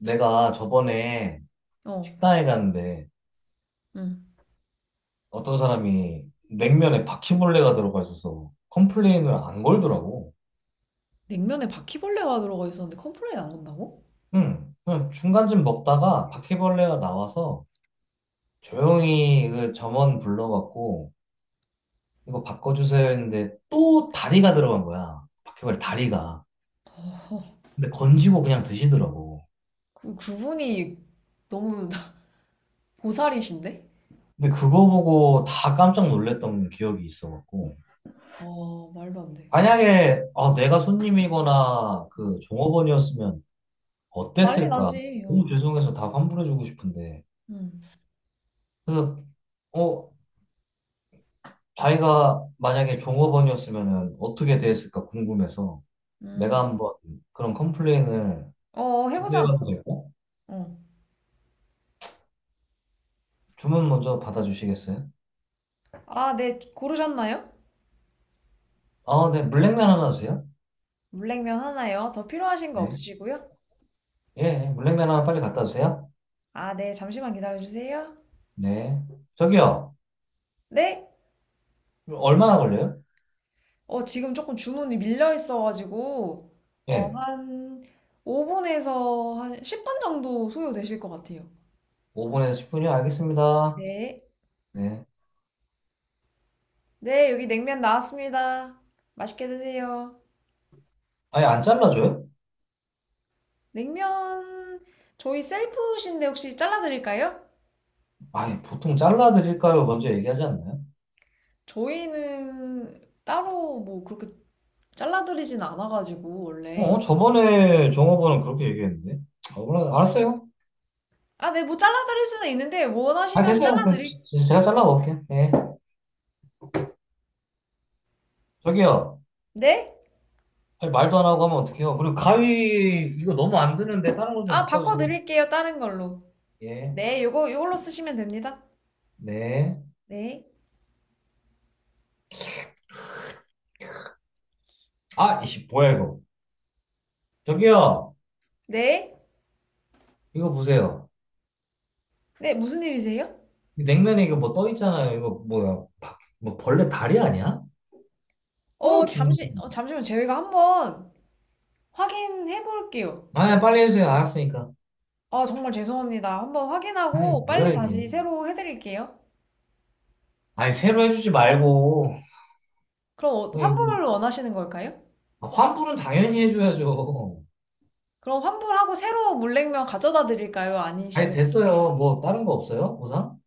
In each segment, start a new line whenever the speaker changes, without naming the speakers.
내가 저번에
어,
식당에 갔는데
응.
어떤 사람이 냉면에 바퀴벌레가 들어가 있어서 컴플레인을 안 걸더라고.
냉면에 바퀴벌레가 들어가 있었는데 컴플레인 안 건다고?
응, 그냥 중간쯤 먹다가 바퀴벌레가 나와서 조용히 그 점원 불러갖고 이거 바꿔주세요 했는데 또 다리가 들어간 거야. 바퀴벌레 다리가. 근데 건지고 그냥 드시더라고.
그분이 너무 보살이신데?
근데 그거 보고 다 깜짝 놀랐던 기억이 있어갖고.
아, 말도 안 돼.
만약에 아, 내가 손님이거나 그
응,
종업원이었으면
난리
어땠을까?
나지. 어.
너무 죄송해서 다 환불해주고 싶은데.
응,
그래서, 어, 자기가 만약에 종업원이었으면 어떻게 대했을까 궁금해서
음.
내가 한번 그런 컴플레인을
어, 해보자.
제대해봐도 될까?
어.
주문 먼저 받아주시겠어요?
아, 네, 고르셨나요?
아, 네, 물냉면 하나 주세요.
물냉면 하나요? 더 필요하신 거
네.
없으시고요?
예, 예, 물냉면 하나 빨리 갖다 주세요.
아, 네, 잠시만 기다려주세요.
네. 저기요,
네?
얼마나 걸려요?
어, 지금 조금 주문이 밀려 있어가지고,
예,
한 5분에서 한 10분 정도 소요되실 것 같아요.
5분에서 10분이요? 알겠습니다.
네.
네.
네, 여기 냉면 나왔습니다. 맛있게 드세요.
아니, 안 잘라줘요?
냉면, 저희 셀프신데 혹시 잘라드릴까요?
아니, 보통 잘라드릴까요? 먼저 얘기하지 않나요?
저희는 따로 뭐 그렇게 잘라드리진 않아가지고,
어,
원래.
저번에 종업원은 그렇게 얘기했는데. 아, 몰라, 알았어요.
아, 네, 뭐 잘라드릴 수는 있는데,
아,
원하시면
됐어요. 그래,
잘라드릴,
제가 잘라 먹을게요. 예. 저기요.
네?
아니, 말도 안 하고 하면 어떡해요. 그리고 가위, 이거 너무 안 드는데 다른 거 좀
아,
바꿔주세요.
바꿔드릴게요, 다른 걸로.
예.
네, 요거, 요걸로 쓰시면 됩니다.
네.
네.
아, 이씨, 뭐야, 이거. 저기요.
네.
이거 보세요.
네, 무슨 일이세요?
이 냉면에 이거 뭐 떠 있잖아요. 이거 뭐야. 뭐 벌레 다리 아니야? 아우, 기분.
잠시만, 저희가 한번 확인해 볼게요.
아, 예, 빨리 해주세요. 알았으니까.
아, 정말 죄송합니다. 한번
아이,
확인하고 빨리
뭐야, 이게.
다시 새로 해드릴게요.
아니, 새로 해주지 말고.
그럼
예,
환불을
이거
원하시는 걸까요?
아, 환불은 당연히 해줘야죠.
그럼 환불하고 새로 물냉면 가져다 드릴까요?
아니,
아니시면 어떻게?
됐어요. 뭐, 다른 거 없어요? 보상?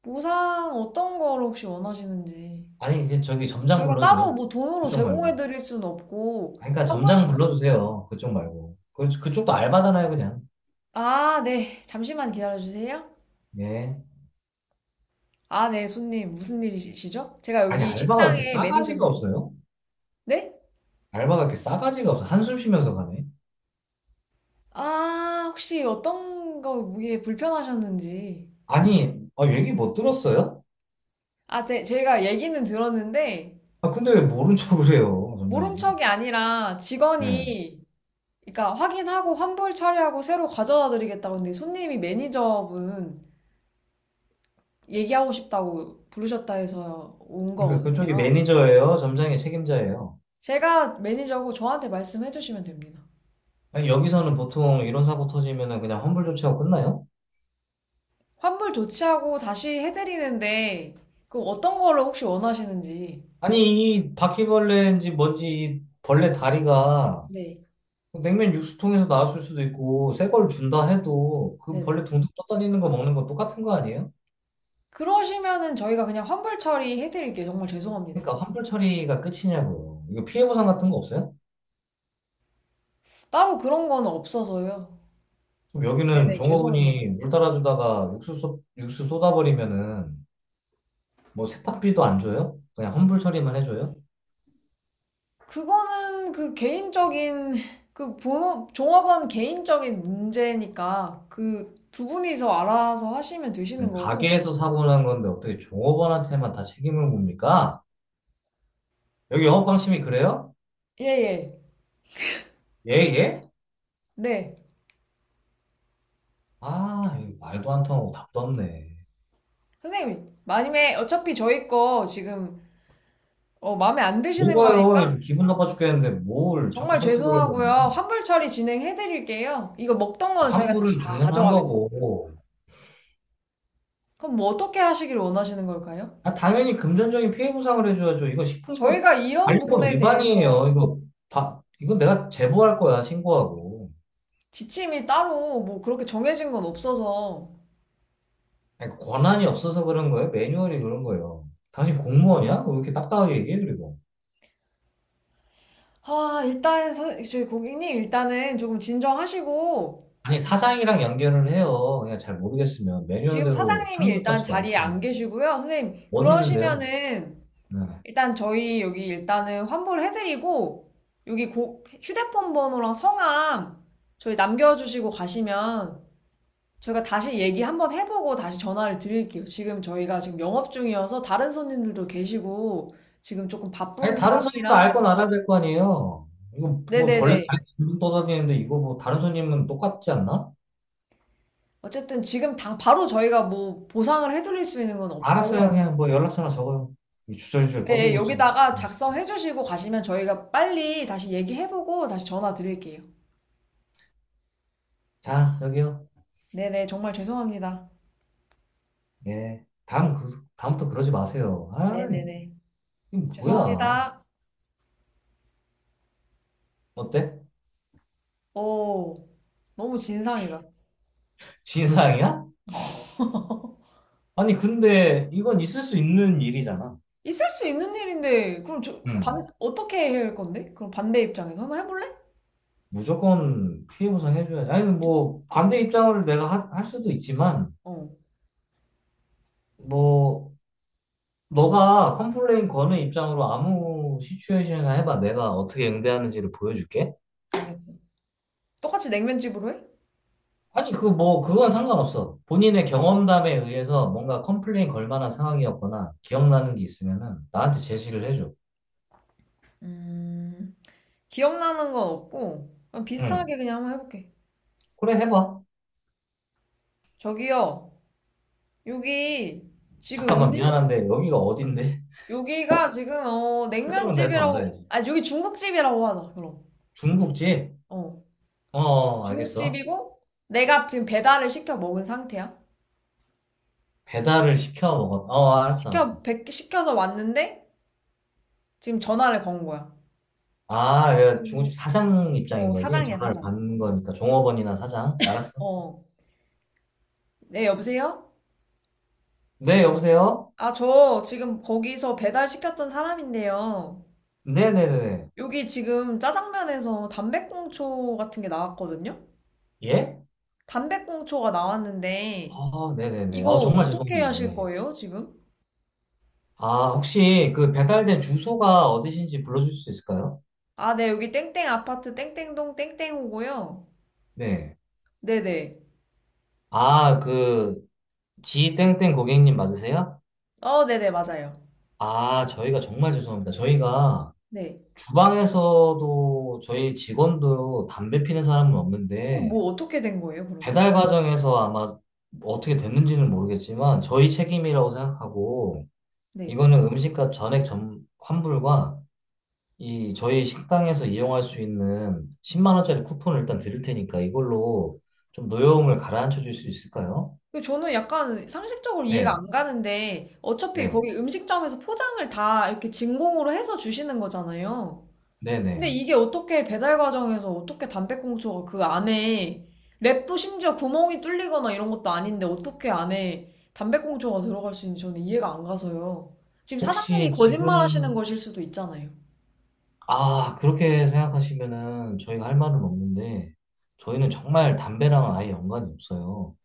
보상 어떤 걸 혹시 원하시는지.
아니, 이게 저기 점장
저희가
불러줘요.
따로 뭐 돈으로
그쪽
제공해
말고.
드릴 수는 없고,
아니, 그러니까
환불,
점장 불러주세요. 그쪽 말고. 그, 그쪽도 알바잖아요, 그냥.
아, 네. 잠시만 기다려 주세요.
예.
아, 네, 손님. 무슨 일이시죠? 제가
아니,
여기
알바가 왜 이렇게
식당의
싸가지가
매니저입니다.
없어요?
네?
알바가 이렇게 싸가지가 없어. 한숨 쉬면서 가네.
아, 혹시 어떤 거 이게 불편하셨는지.
아니, 아,
네.
얘기 못 들었어요?
아, 제가 얘기는 들었는데,
아, 근데 왜 모른 척을 해요,
모른
점장님.
척이 아니라
네.
직원이, 그러니까 확인하고 환불 처리하고 새로 가져다 드리겠다고 근데 손님이 매니저분 얘기하고 싶다고 부르셨다 해서 온
그러니까 그쪽이
거거든요.
매니저예요? 점장이 책임자예요?
제가 매니저고 저한테 말씀해 주시면 됩니다.
아니, 여기서는 보통 이런 사고 터지면은 그냥 환불 조치하고 끝나요?
환불 조치하고 다시 해드리는데, 그 어떤 거를 혹시 원하시는지.
아니, 이 바퀴벌레인지 뭔지 이 벌레 다리가
네,
냉면 육수통에서 나왔을 수도 있고, 새 걸 준다 해도 그 벌레
네네.
둥둥 떠다니는 거 먹는 거 똑같은 거 아니에요?
그러시면은 저희가 그냥 환불 처리해 드릴게요. 정말 죄송합니다.
그러니까 환불 처리가 끝이냐고요. 이거 피해 보상 같은 거 없어요?
따로 그런 거는 없어서요.
그럼 여기는
네네, 죄송합니다.
종업원이 물 따라주다가 육수, 육수 쏟아버리면은 뭐 세탁비도 안 줘요? 그냥 환불 처리만 해줘요?
그거는 그 개인적인 그 본업 종업원 개인적인 문제니까 그 두 분이서 알아서 하시면 되시는
아니,
거고.
가게에서 사고 난 건데 어떻게 종업원한테만 다 책임을 묻니까? 여기 영업방침이 그래요?
예, 예.
예, 예?
네.
아, 이거 말도 안 통하고 답도 없네.
선생님, 만약에 어차피 저희 거 지금 마음에 안 드시는
뭐가요?
거니까
지금 기분 나빠 죽겠는데 뭘 자꾸
정말
설득을 하려고.
죄송하고요. 환불 처리 진행해 드릴게요. 이거 먹던 거는 저희가
환불은
다시 다
당연한
가져가겠습니다.
거고.
그럼 뭐 어떻게 하시길 원하시는 걸까요?
아, 당연히 금전적인 피해 보상을 해줘야죠. 이거 식품법
저희가 이런
관리법
부분에 대해서
위반이에요. 이거 바, 이건 내가 제보할 거야, 신고하고.
지침이 따로 뭐 그렇게 정해진 건 없어서
아니, 그 권한이 없어서 그런 거예요? 매뉴얼이 그런 거예요. 당신 공무원이야? 왜 이렇게 딱딱하게 얘기해, 그리고.
아, 일단, 저희 고객님, 일단은 조금 진정하시고,
아니, 사장이랑 연결을 해요. 그냥 잘 모르겠으면.
지금
매뉴얼대로
사장님이
하는 것
일단
같지도
자리에 안
않더만.
계시고요. 선생님,
어디 있는데요?
그러시면은,
네.
일단 저희 여기 일단은 환불 해드리고, 여기 휴대폰 번호랑 성함, 저희 남겨주시고 가시면, 저희가 다시 얘기 한번 해보고 다시 전화를 드릴게요. 지금 저희가 지금 영업 중이어서 다른 손님들도 계시고, 지금 조금
아니,
바쁜
다른 손님도
상황이라,
알건 알아야 될 거 아니에요. 이거 뭐 벌레
네네네.
다리 둥둥 떠다니는데 이거 뭐 다른 손님은 똑같지 않나?
어쨌든 지금 당 바로 저희가 뭐 보상을 해드릴 수 있는 건
알았어요.
없고요.
그냥 뭐 연락처나 적어요. 이 주저주저
네,
떠들고 있지.
여기다가 작성해 주시고 가시면 저희가 빨리 다시 얘기해보고 다시 전화 드릴게요.
자, 여기요.
네네, 정말 죄송합니다.
예. 다음, 그, 다음부터 그러지 마세요. 아,
네네네.
이거 뭐야.
죄송합니다.
어때?
오, 너무 진상이다.
진상이야? 아니, 근데 이건 있을 수 있는 일이잖아.
있을 수 있는 일인데, 그럼
음.
어떻게 해야 할 건데? 그럼 반대 입장에서 한번 해볼래?
무조건 피해 보상해줘야지. 아니,
도-
뭐, 반대 입장을 내가 할 수도 있지만,
어,
뭐, 너가 컴플레인 거는 입장으로 아무 시츄에이션이나 해봐. 내가 어떻게 응대하는지를 보여줄게.
알겠어. 똑같이 냉면집으로 해?
아니, 그 뭐, 그건 상관없어. 본인의 경험담에 의해서 뭔가 컴플레인 걸 만한 상황이었거나 기억나는 게 있으면은 나한테 제시를 해줘.
음, 기억나는 건 없고, 그냥
응.
비슷하게 그냥 한번 해볼게.
그래, 해봐.
저기요. 여기 지금
잠깐만,
음식
미안한데, 여기가 어딘데?
여기가 지금 어
설정은 내가 더
냉면집이라고
알아야지.
아 여기 중국집이라고 하자 그럼
중국집?
어
어, 어, 알겠어.
중국집이고 내가 지금 배달을 시켜 먹은 상태야
어, 알았어, 알았어.
시켜서 왔는데 지금 전화를 건 거야
아, 얘 중국집
지금,
사장
어
입장인 거지?
사장이야
전화를
사장
받는 거니까, 종업원이나 사장. 알았어.
어어네 여보세요
네, 여보세요?
아 저 지금 거기서 배달 시켰던 사람인데요
네네네네.
여기 지금 짜장면에서 담배꽁초 같은 게 나왔거든요
예?
담배꽁초가 나왔는데
아, 네네네.
이거
어, 정말
어떻게
죄송합니다.
하실
예.
거예요, 지금?
아, 혹시 그 배달된 주소가 어디신지 불러줄 수 있을까요?
아, 네, 여기 땡땡 아파트 땡땡동 땡땡호고요.
네.
네네.
아, 그, 지땡땡 고객님 맞으세요?
어, 네네, 맞아요.
아, 저희가 정말 죄송합니다. 저희가
네.
주방에서도 저희 직원도 담배 피는 사람은
그럼
없는데,
뭐 어떻게 된 거예요, 그러면?
배달 과정에서 아마 어떻게 됐는지는 모르겠지만, 저희 책임이라고 생각하고,
네.
이거는 음식값 전액 점, 환불과 이 저희 식당에서 이용할 수 있는 10만 원짜리 쿠폰을 일단 드릴 테니까 이걸로 좀 노여움을 가라앉혀 줄 수 있을까요?
그 저는 약간 상식적으로 이해가
네,
안 가는데, 어차피
네,
거기 음식점에서 포장을 다 이렇게 진공으로 해서 주시는 거잖아요. 근데
네네.
이게 어떻게 배달 과정에서 어떻게 담배꽁초가 그 안에 랩도 심지어 구멍이 뚫리거나 이런 것도 아닌데 어떻게 안에 담배꽁초가 들어갈 수 있는지 저는 이해가 안 가서요. 지금 사장님이
혹시
거짓말 하시는
지금,
것일 수도 있잖아요.
아, 그렇게 생각하시면은 저희가 할 말은 없는데, 저희는 정말 담배랑은 아예 연관이 없어요.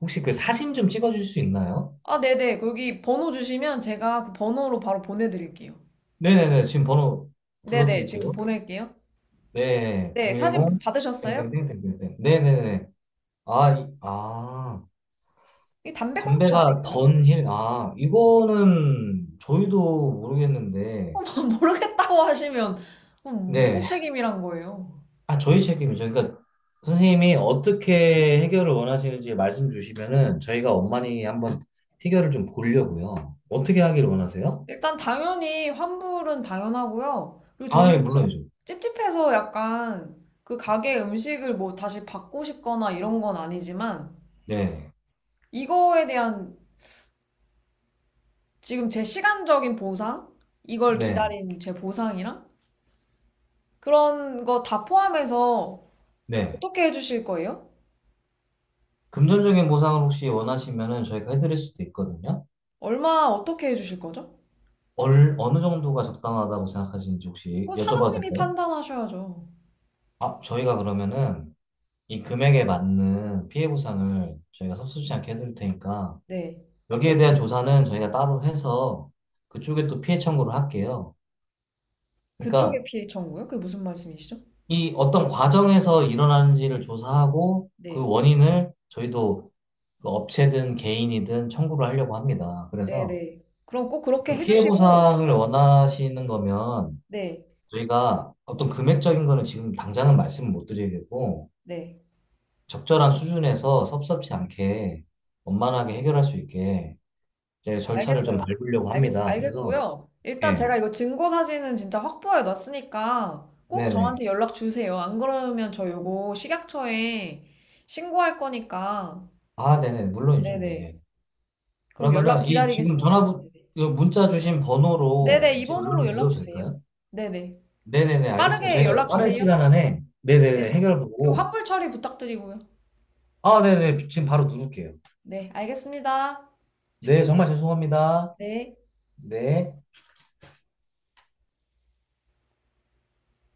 혹시 그 사진 좀 찍어줄 수 있나요?
아, 네네. 거기 번호 주시면 제가 그 번호로 바로 보내드릴게요.
네네네, 지금 번호
네네. 지금
불러드릴게요.
보낼게요.
네,
네. 사진
010,
받으셨어요?
땡땡땡땡땡. 네네네. 아, 아.
이게 담배꽁초
담배가
아닌가요?
던힐, 아, 이거는 저희도 모르겠는데,
모르겠다고 하시면 그럼 누구
네.
책임이란 거예요?
아, 저희 책임이죠. 그러니까 선생님이 어떻게 해결을 원하시는지 말씀 주시면은 저희가 엄만히 한번 해결을 좀 보려고요. 어떻게 하기를 원하세요?
일단 당연히 환불은 당연하고요. 그리고
아, 예,
저는
물론이죠.
찝찝해서 약간 그 가게 음식을 뭐 다시 받고 싶거나 이런 건 아니지만
네.
이거에 대한 지금 제 시간적인 보상, 이걸
네.
기다린 제 보상이랑 그런 거 다 포함해서
네.
어떻게 해주실 거예요?
금전적인 보상을 혹시 원하시면은 저희가 해드릴 수도 있거든요.
얼마 어떻게 해주실 거죠?
얼, 어느 정도가 적당하다고 생각하시는지 혹시
그거
여쭤봐도
사장님이
될까요?
판단하셔야죠.
아, 저희가 그러면은 이 금액에 맞는 피해 보상을 저희가 섭섭지 않게 해드릴 테니까
네.
여기에 대한 조사는 저희가 따로 해서 그쪽에 또 피해 청구를 할게요.
그쪽에
그러니까
피해 청구요? 그게 무슨 말씀이시죠?
이 어떤 과정에서 일어나는지를 조사하고 그
네.
원인을 저희도 그 업체든 개인이든 청구를 하려고 합니다. 그래서
네네. 그럼 꼭 그렇게
어떤 피해
해주시고,
보상을 원하시는 거면
네.
저희가 어떤 금액적인 거는 지금 당장은 말씀을 못 드리겠고
네.
적절한 수준에서 섭섭지 않게 원만하게 해결할 수 있게 이제 절차를 좀
알겠어요.
밟으려고 합니다. 그래서
알겠고요. 일단
예,
제가 이거 증거 사진은 진짜 확보해 놨으니까 꼭
네네.
저한테 연락 주세요. 안 그러면 저 요거 식약처에 신고할 거니까.
아, 네네. 물론이죠.
네네.
네.
그럼 연락
그러면은 이 지금 전
기다리겠습니다. 네네.
화 문자 주신
네네,
번호로 이제
이번호로
연락을
연락
드려도
주세요.
될까요?
네네.
네네네.
좀
알겠습니다.
빠르게
저희가
연락
빠른
주세요.
시간 안에 네네네
네네.
해결
그리고
보고
환불 처리 부탁드리고요.
아, 네네. 지금 바로 누를게요.
네, 알겠습니다.
네, 정말 죄송합니다.
네.
네.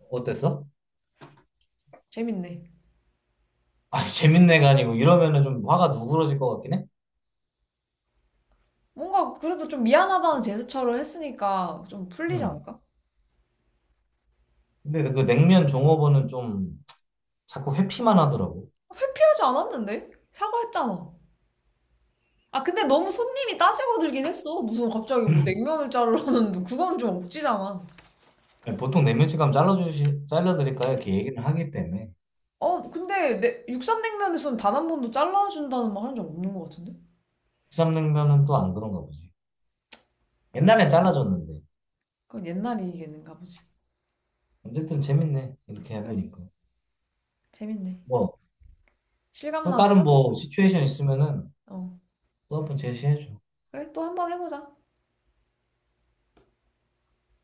어땠어?
재밌네.
아, 재밌네가 아니고 이러면은 좀 화가 누그러질 것 같긴 해.
뭔가 그래도 좀 미안하다는 제스처를 했으니까 좀 풀리지
음.
않을까?
근데 그 냉면 종업원은 좀 자꾸 회피만 하더라고.
어, 회피하지 않았는데? 사과했잖아. 아, 근데 너무 손님이 따지고 들긴 했어. 무슨 갑자기 뭐 냉면을 자르라는데, 그건 좀 억지잖아.
아니, 보통 내면치 감 잘라주시, 잘라드릴까요? 이렇게 얘기를 하기 때문에.
어, 근데 내 육삼냉면에서는 단 한 번도 잘라준다는 말 한 적 없는 것 같은데?
국삼냉면은 또 안 그런가 보지.
뭐야.
옛날엔 잘라줬는데.
그건 옛날 얘기인가 보지.
어쨌든 재밌네. 이렇게
그래,
해보니까.
재밌네.
뭐, 또 다른
실감나고.
뭐, 시츄에이션 있으면은
어,
또 한번 제시해줘.
그래, 또 한번 해보자.